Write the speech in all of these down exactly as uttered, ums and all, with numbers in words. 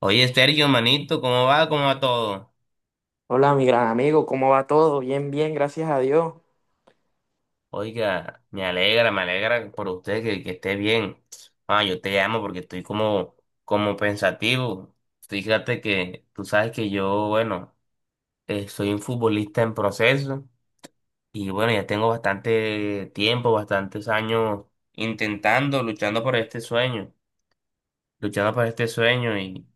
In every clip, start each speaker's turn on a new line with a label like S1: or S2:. S1: Oye, Sergio, manito, ¿cómo va? ¿Cómo va todo?
S2: Hola, mi gran amigo, ¿cómo va todo? Bien, bien, gracias a Dios.
S1: Oiga, me alegra, me alegra por usted que, que esté bien. Ah, yo te llamo porque estoy como, como pensativo. Fíjate que tú sabes que yo, bueno, eh, soy un futbolista en proceso y bueno, ya tengo bastante tiempo, bastantes años intentando, luchando por este sueño, luchando por este sueño y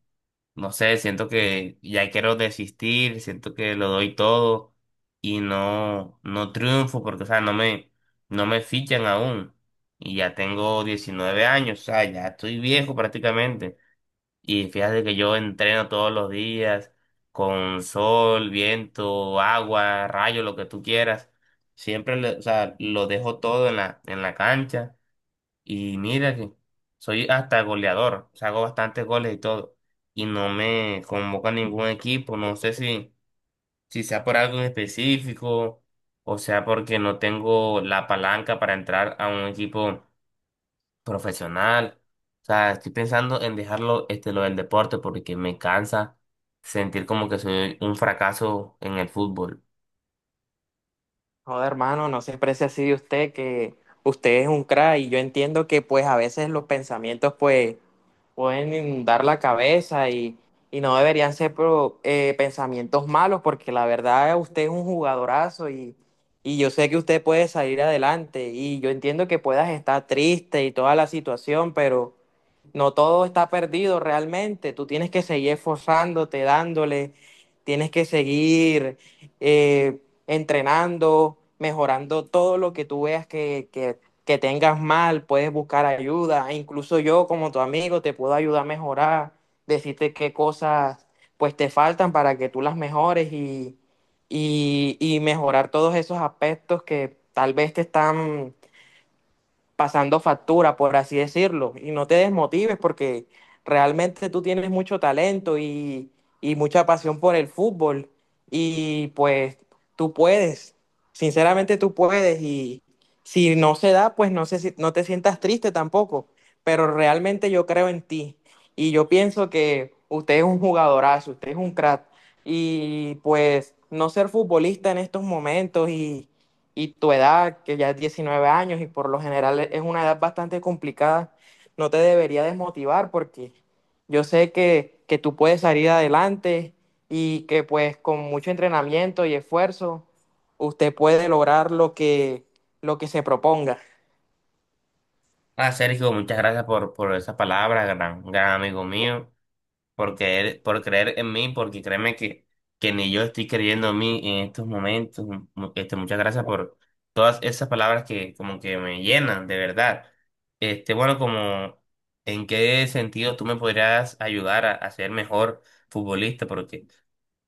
S1: no sé, siento que ya quiero desistir, siento que lo doy todo y no, no triunfo porque, o sea, no me, no me fichan aún. Y ya tengo diecinueve años, o sea, ya estoy viejo prácticamente. Y fíjate que yo entreno todos los días con sol, viento, agua, rayo, lo que tú quieras. Siempre, le- o sea, lo dejo todo en la, en la cancha y mira que soy hasta goleador, o sea, hago bastantes goles y todo. Y no me convoca a ningún equipo, no sé si, si sea por algo en específico o sea porque no tengo la palanca para entrar a un equipo profesional. O sea, estoy pensando en dejarlo este, lo del deporte porque me cansa sentir como que soy un fracaso en el fútbol.
S2: Joder, hermano, no se precie así de usted, que usted es un crack y yo entiendo que pues a veces los pensamientos pues pueden inundar la cabeza y, y no deberían ser pro- eh, pensamientos malos, porque la verdad usted es un jugadorazo, y, y yo sé que usted puede salir adelante. Y yo entiendo que puedas estar triste y toda la situación, pero no todo está perdido realmente. Tú tienes que seguir esforzándote, dándole, tienes que seguir eh, entrenando, mejorando todo lo que tú veas que, que, que tengas mal. Puedes buscar ayuda, e incluso yo como tu amigo te puedo ayudar a mejorar, decirte qué cosas pues te faltan para que tú las mejores y, y, y mejorar todos esos aspectos que tal vez te están pasando factura, por así decirlo. Y no te desmotives, porque realmente tú tienes mucho talento y, y mucha pasión por el fútbol, y pues tú puedes, sinceramente tú puedes. Y si no se da, pues no sé si- no te sientas triste tampoco, pero realmente yo creo en ti y yo pienso que usted es un jugadorazo, usted es un crack. Y pues no ser futbolista en estos momentos y y tu edad, que ya es diecinueve años y por lo general es una edad bastante complicada, no te debería desmotivar, porque yo sé que, que tú puedes salir adelante y que pues con mucho entrenamiento y esfuerzo usted puede lograr lo que, lo que se proponga.
S1: Ah, Sergio, muchas gracias por, por esa palabra, gran, gran amigo mío. Por creer, por creer en mí, porque créeme que, que ni yo estoy creyendo en mí en estos momentos. Mu- Este, muchas gracias por todas esas palabras que como que me llenan, de verdad. Este, bueno, como en qué sentido tú me podrías ayudar a, a ser mejor futbolista, porque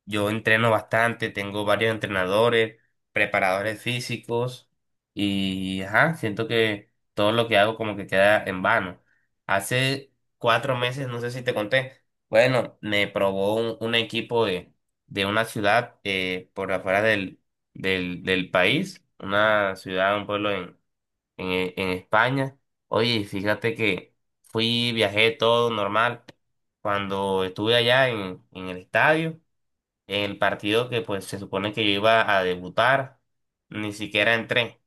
S1: yo entreno bastante, tengo varios entrenadores, preparadores físicos y ajá, siento que todo lo que hago como que queda en vano. Hace cuatro meses, no sé si te conté. Bueno, me probó un, un equipo de, de una ciudad eh, por afuera del, del, del país, una ciudad, un pueblo en, en, eh, en España. Oye, fíjate que fui, viajé todo normal. Cuando estuve allá en, en el estadio, en el partido que pues se supone que yo iba a debutar, ni siquiera entré.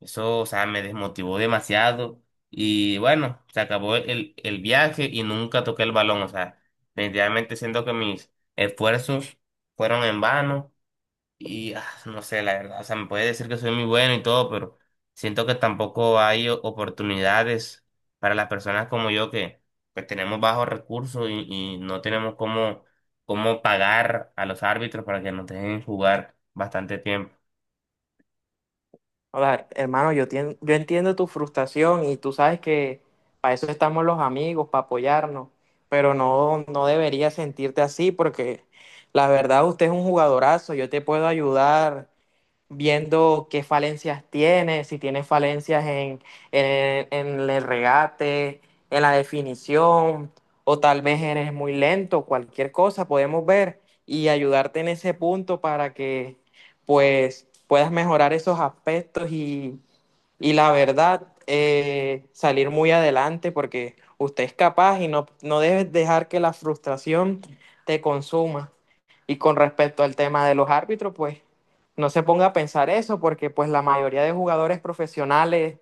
S1: Eso, o sea, me desmotivó demasiado. Y bueno, se acabó el, el viaje y nunca toqué el balón. O sea, definitivamente siento que mis esfuerzos fueron en vano. Y ah, no sé, la verdad, o sea, me puede decir que soy muy bueno y todo, pero siento que tampoco hay o- oportunidades para las personas como yo que pues tenemos bajos recursos y, y no tenemos cómo, cómo pagar a los árbitros para que nos dejen jugar bastante tiempo.
S2: O sea, hermano, yo, tien- yo entiendo tu frustración, y tú sabes que para eso estamos los amigos, para apoyarnos, pero no, no deberías sentirte así, porque la verdad usted es un jugadorazo. Yo te puedo ayudar viendo qué falencias tiene, si tiene falencias en, en- en el regate, en la definición, o tal vez eres muy lento. Cualquier cosa podemos ver y ayudarte en ese punto para que pues puedas mejorar esos aspectos y y la verdad, eh, salir muy adelante porque usted es capaz, y no, no debes dejar que la frustración te consuma. Y con respecto al tema de los árbitros, pues no se ponga a pensar eso, porque pues la mayoría de jugadores profesionales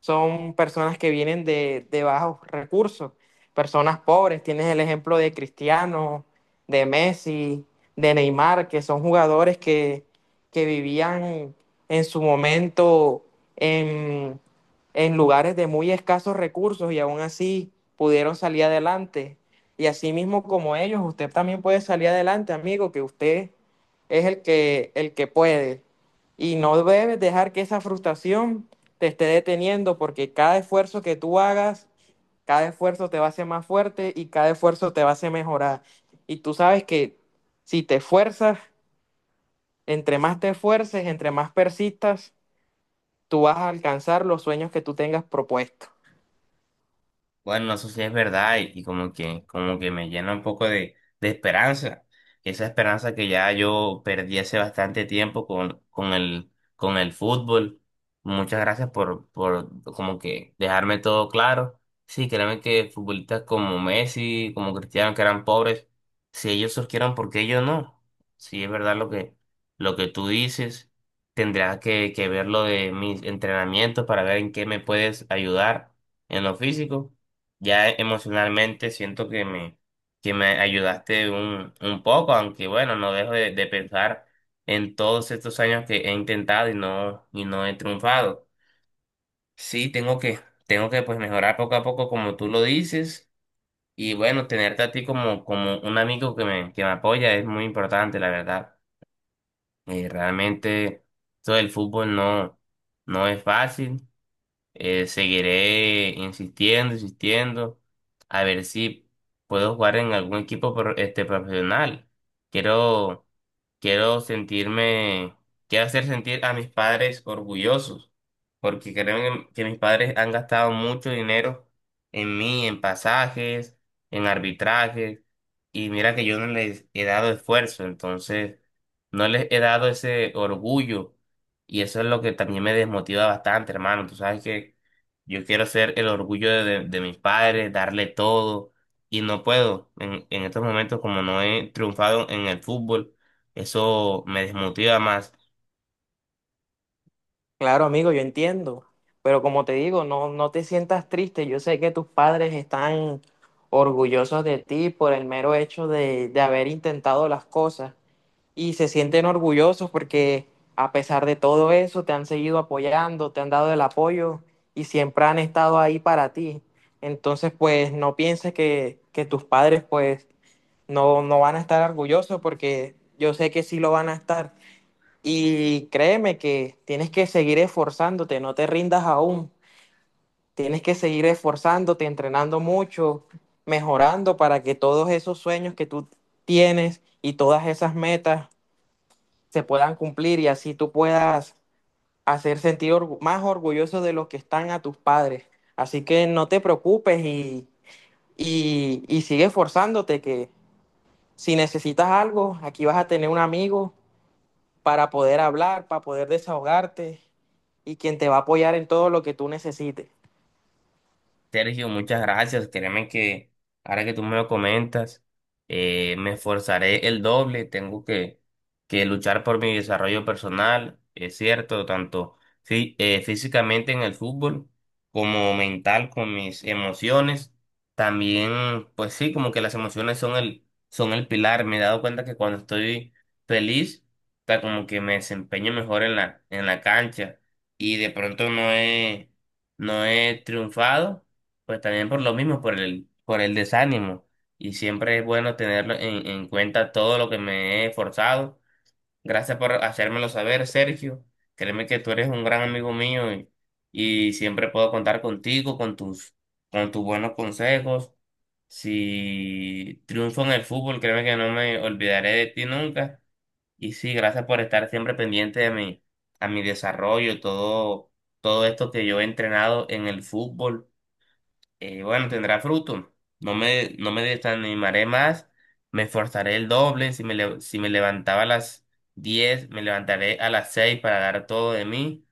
S2: son personas que vienen de, de bajos recursos, personas pobres. Tienes el ejemplo de Cristiano, de Messi, de Neymar, que son jugadores que, que vivían en su momento en, en lugares de muy escasos recursos, y aún así pudieron salir adelante. Y así mismo como ellos, usted también puede salir adelante, amigo, que usted es el que, el que puede. Y no debes dejar que esa frustración te esté deteniendo, porque cada esfuerzo que tú hagas, cada esfuerzo te va a hacer más fuerte y cada esfuerzo te va a hacer mejorar. Y tú sabes que si te esfuerzas, entre más te esfuerces, entre más persistas, tú vas a alcanzar los sueños que tú tengas propuestos.
S1: Bueno, eso sí es verdad y, y como que, como que me llena un poco de, de esperanza. Esa esperanza que ya yo perdí hace bastante tiempo con, con el, con el fútbol. Muchas gracias por, por como que dejarme todo claro. Sí, créeme que futbolistas como Messi, como Cristiano, que eran pobres, si ellos surgieron, ¿por qué yo no? Sí, es verdad lo que, lo que tú dices. Tendrás que, que ver lo de mis entrenamientos para ver en qué me puedes ayudar en lo físico. Ya emocionalmente siento que me, que me ayudaste un, un poco, aunque bueno, no dejo de, de pensar en todos estos años que he intentado y no, y no he triunfado. Sí, tengo que, tengo que pues mejorar poco a poco como tú lo dices y bueno, tenerte a ti como, como un amigo que me, que me apoya es muy importante, la verdad. Eh, realmente todo el fútbol no, no es fácil, eh, seguiré insistiendo, insistiendo, a ver si puedo jugar en algún equipo pro- este, profesional. Quiero Quiero sentirme, quiero hacer sentir a mis padres orgullosos, porque creo que mis padres han gastado mucho dinero en mí, en pasajes, en arbitrajes, y mira que yo no les he dado esfuerzo, entonces no les he dado ese orgullo, y eso es lo que también me desmotiva bastante, hermano. Tú sabes que yo quiero ser el orgullo de, de- de mis padres, darle todo, y no puedo en, en estos momentos como no he triunfado en el fútbol, eso me desmotiva más.
S2: Claro, amigo, yo entiendo, pero como te digo, no, no te sientas triste. Yo sé que tus padres están orgullosos de ti por el mero hecho de, de haber intentado las cosas, y se sienten orgullosos porque a pesar de todo eso te han seguido apoyando, te han dado el apoyo y siempre han estado ahí para ti. Entonces, pues no pienses que, que tus padres pues no, no van a estar orgullosos, porque yo sé que sí lo van a estar. Y créeme que tienes que seguir esforzándote, no te rindas aún. Tienes que seguir esforzándote, entrenando mucho, mejorando, para que todos esos sueños que tú tienes y todas esas metas se puedan cumplir, y así tú puedas hacer sentir orgu- más orgulloso de los que están a tus padres. Así que no te preocupes y, y, y sigue esforzándote, que si necesitas algo, aquí vas a tener un amigo para poder hablar, para poder desahogarte, y quien te va a apoyar en todo lo que tú necesites.
S1: Sergio, muchas gracias. Créeme que ahora que tú me lo comentas, eh, me esforzaré el doble. Tengo que, que luchar por mi desarrollo personal, es cierto, tanto fí- eh, físicamente en el fútbol como mental con mis emociones. También, pues sí, como que las emociones son el, son el pilar. Me he dado cuenta que cuando estoy feliz, está como que me desempeño mejor en la, en la cancha y de pronto no he, no he triunfado pues también por lo mismo, por el, por el desánimo. Y siempre es bueno tenerlo en, en cuenta todo lo que me he esforzado. Gracias por hacérmelo saber, Sergio. Créeme que tú eres un gran amigo mío y, y siempre puedo contar contigo, con tus, con tus buenos consejos. Si triunfo en el fútbol, créeme que no me olvidaré de ti nunca. Y sí, gracias por estar siempre pendiente de mi, a mi desarrollo, todo, todo esto que yo he entrenado en el fútbol, eh, bueno, tendrá fruto. No me, no me desanimaré más, me esforzaré el doble. Si me, le- si me levantaba a las diez, me levantaré a las seis para dar todo de mí.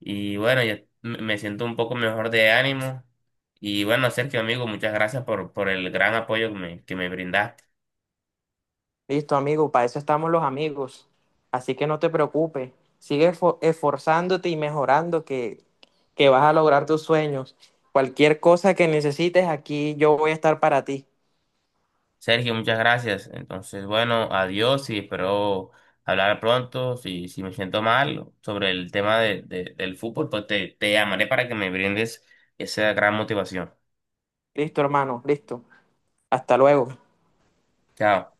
S1: Y bueno, ya me me siento un poco mejor de ánimo. Y bueno, Sergio, amigo, muchas gracias por, por el gran apoyo que me, que me brindaste.
S2: Listo, amigo, para eso estamos los amigos. Así que no te preocupes, sigue esfor- esforzándote y mejorando, que, que vas a lograr tus sueños. Cualquier cosa que necesites, aquí yo voy a estar para ti.
S1: Sergio, muchas gracias. Entonces, bueno, adiós y espero hablar pronto. Si, si me siento mal sobre el tema de- de- del fútbol, pues te, te llamaré para que me brindes esa gran motivación.
S2: Listo, hermano, listo. Hasta luego.
S1: Chao.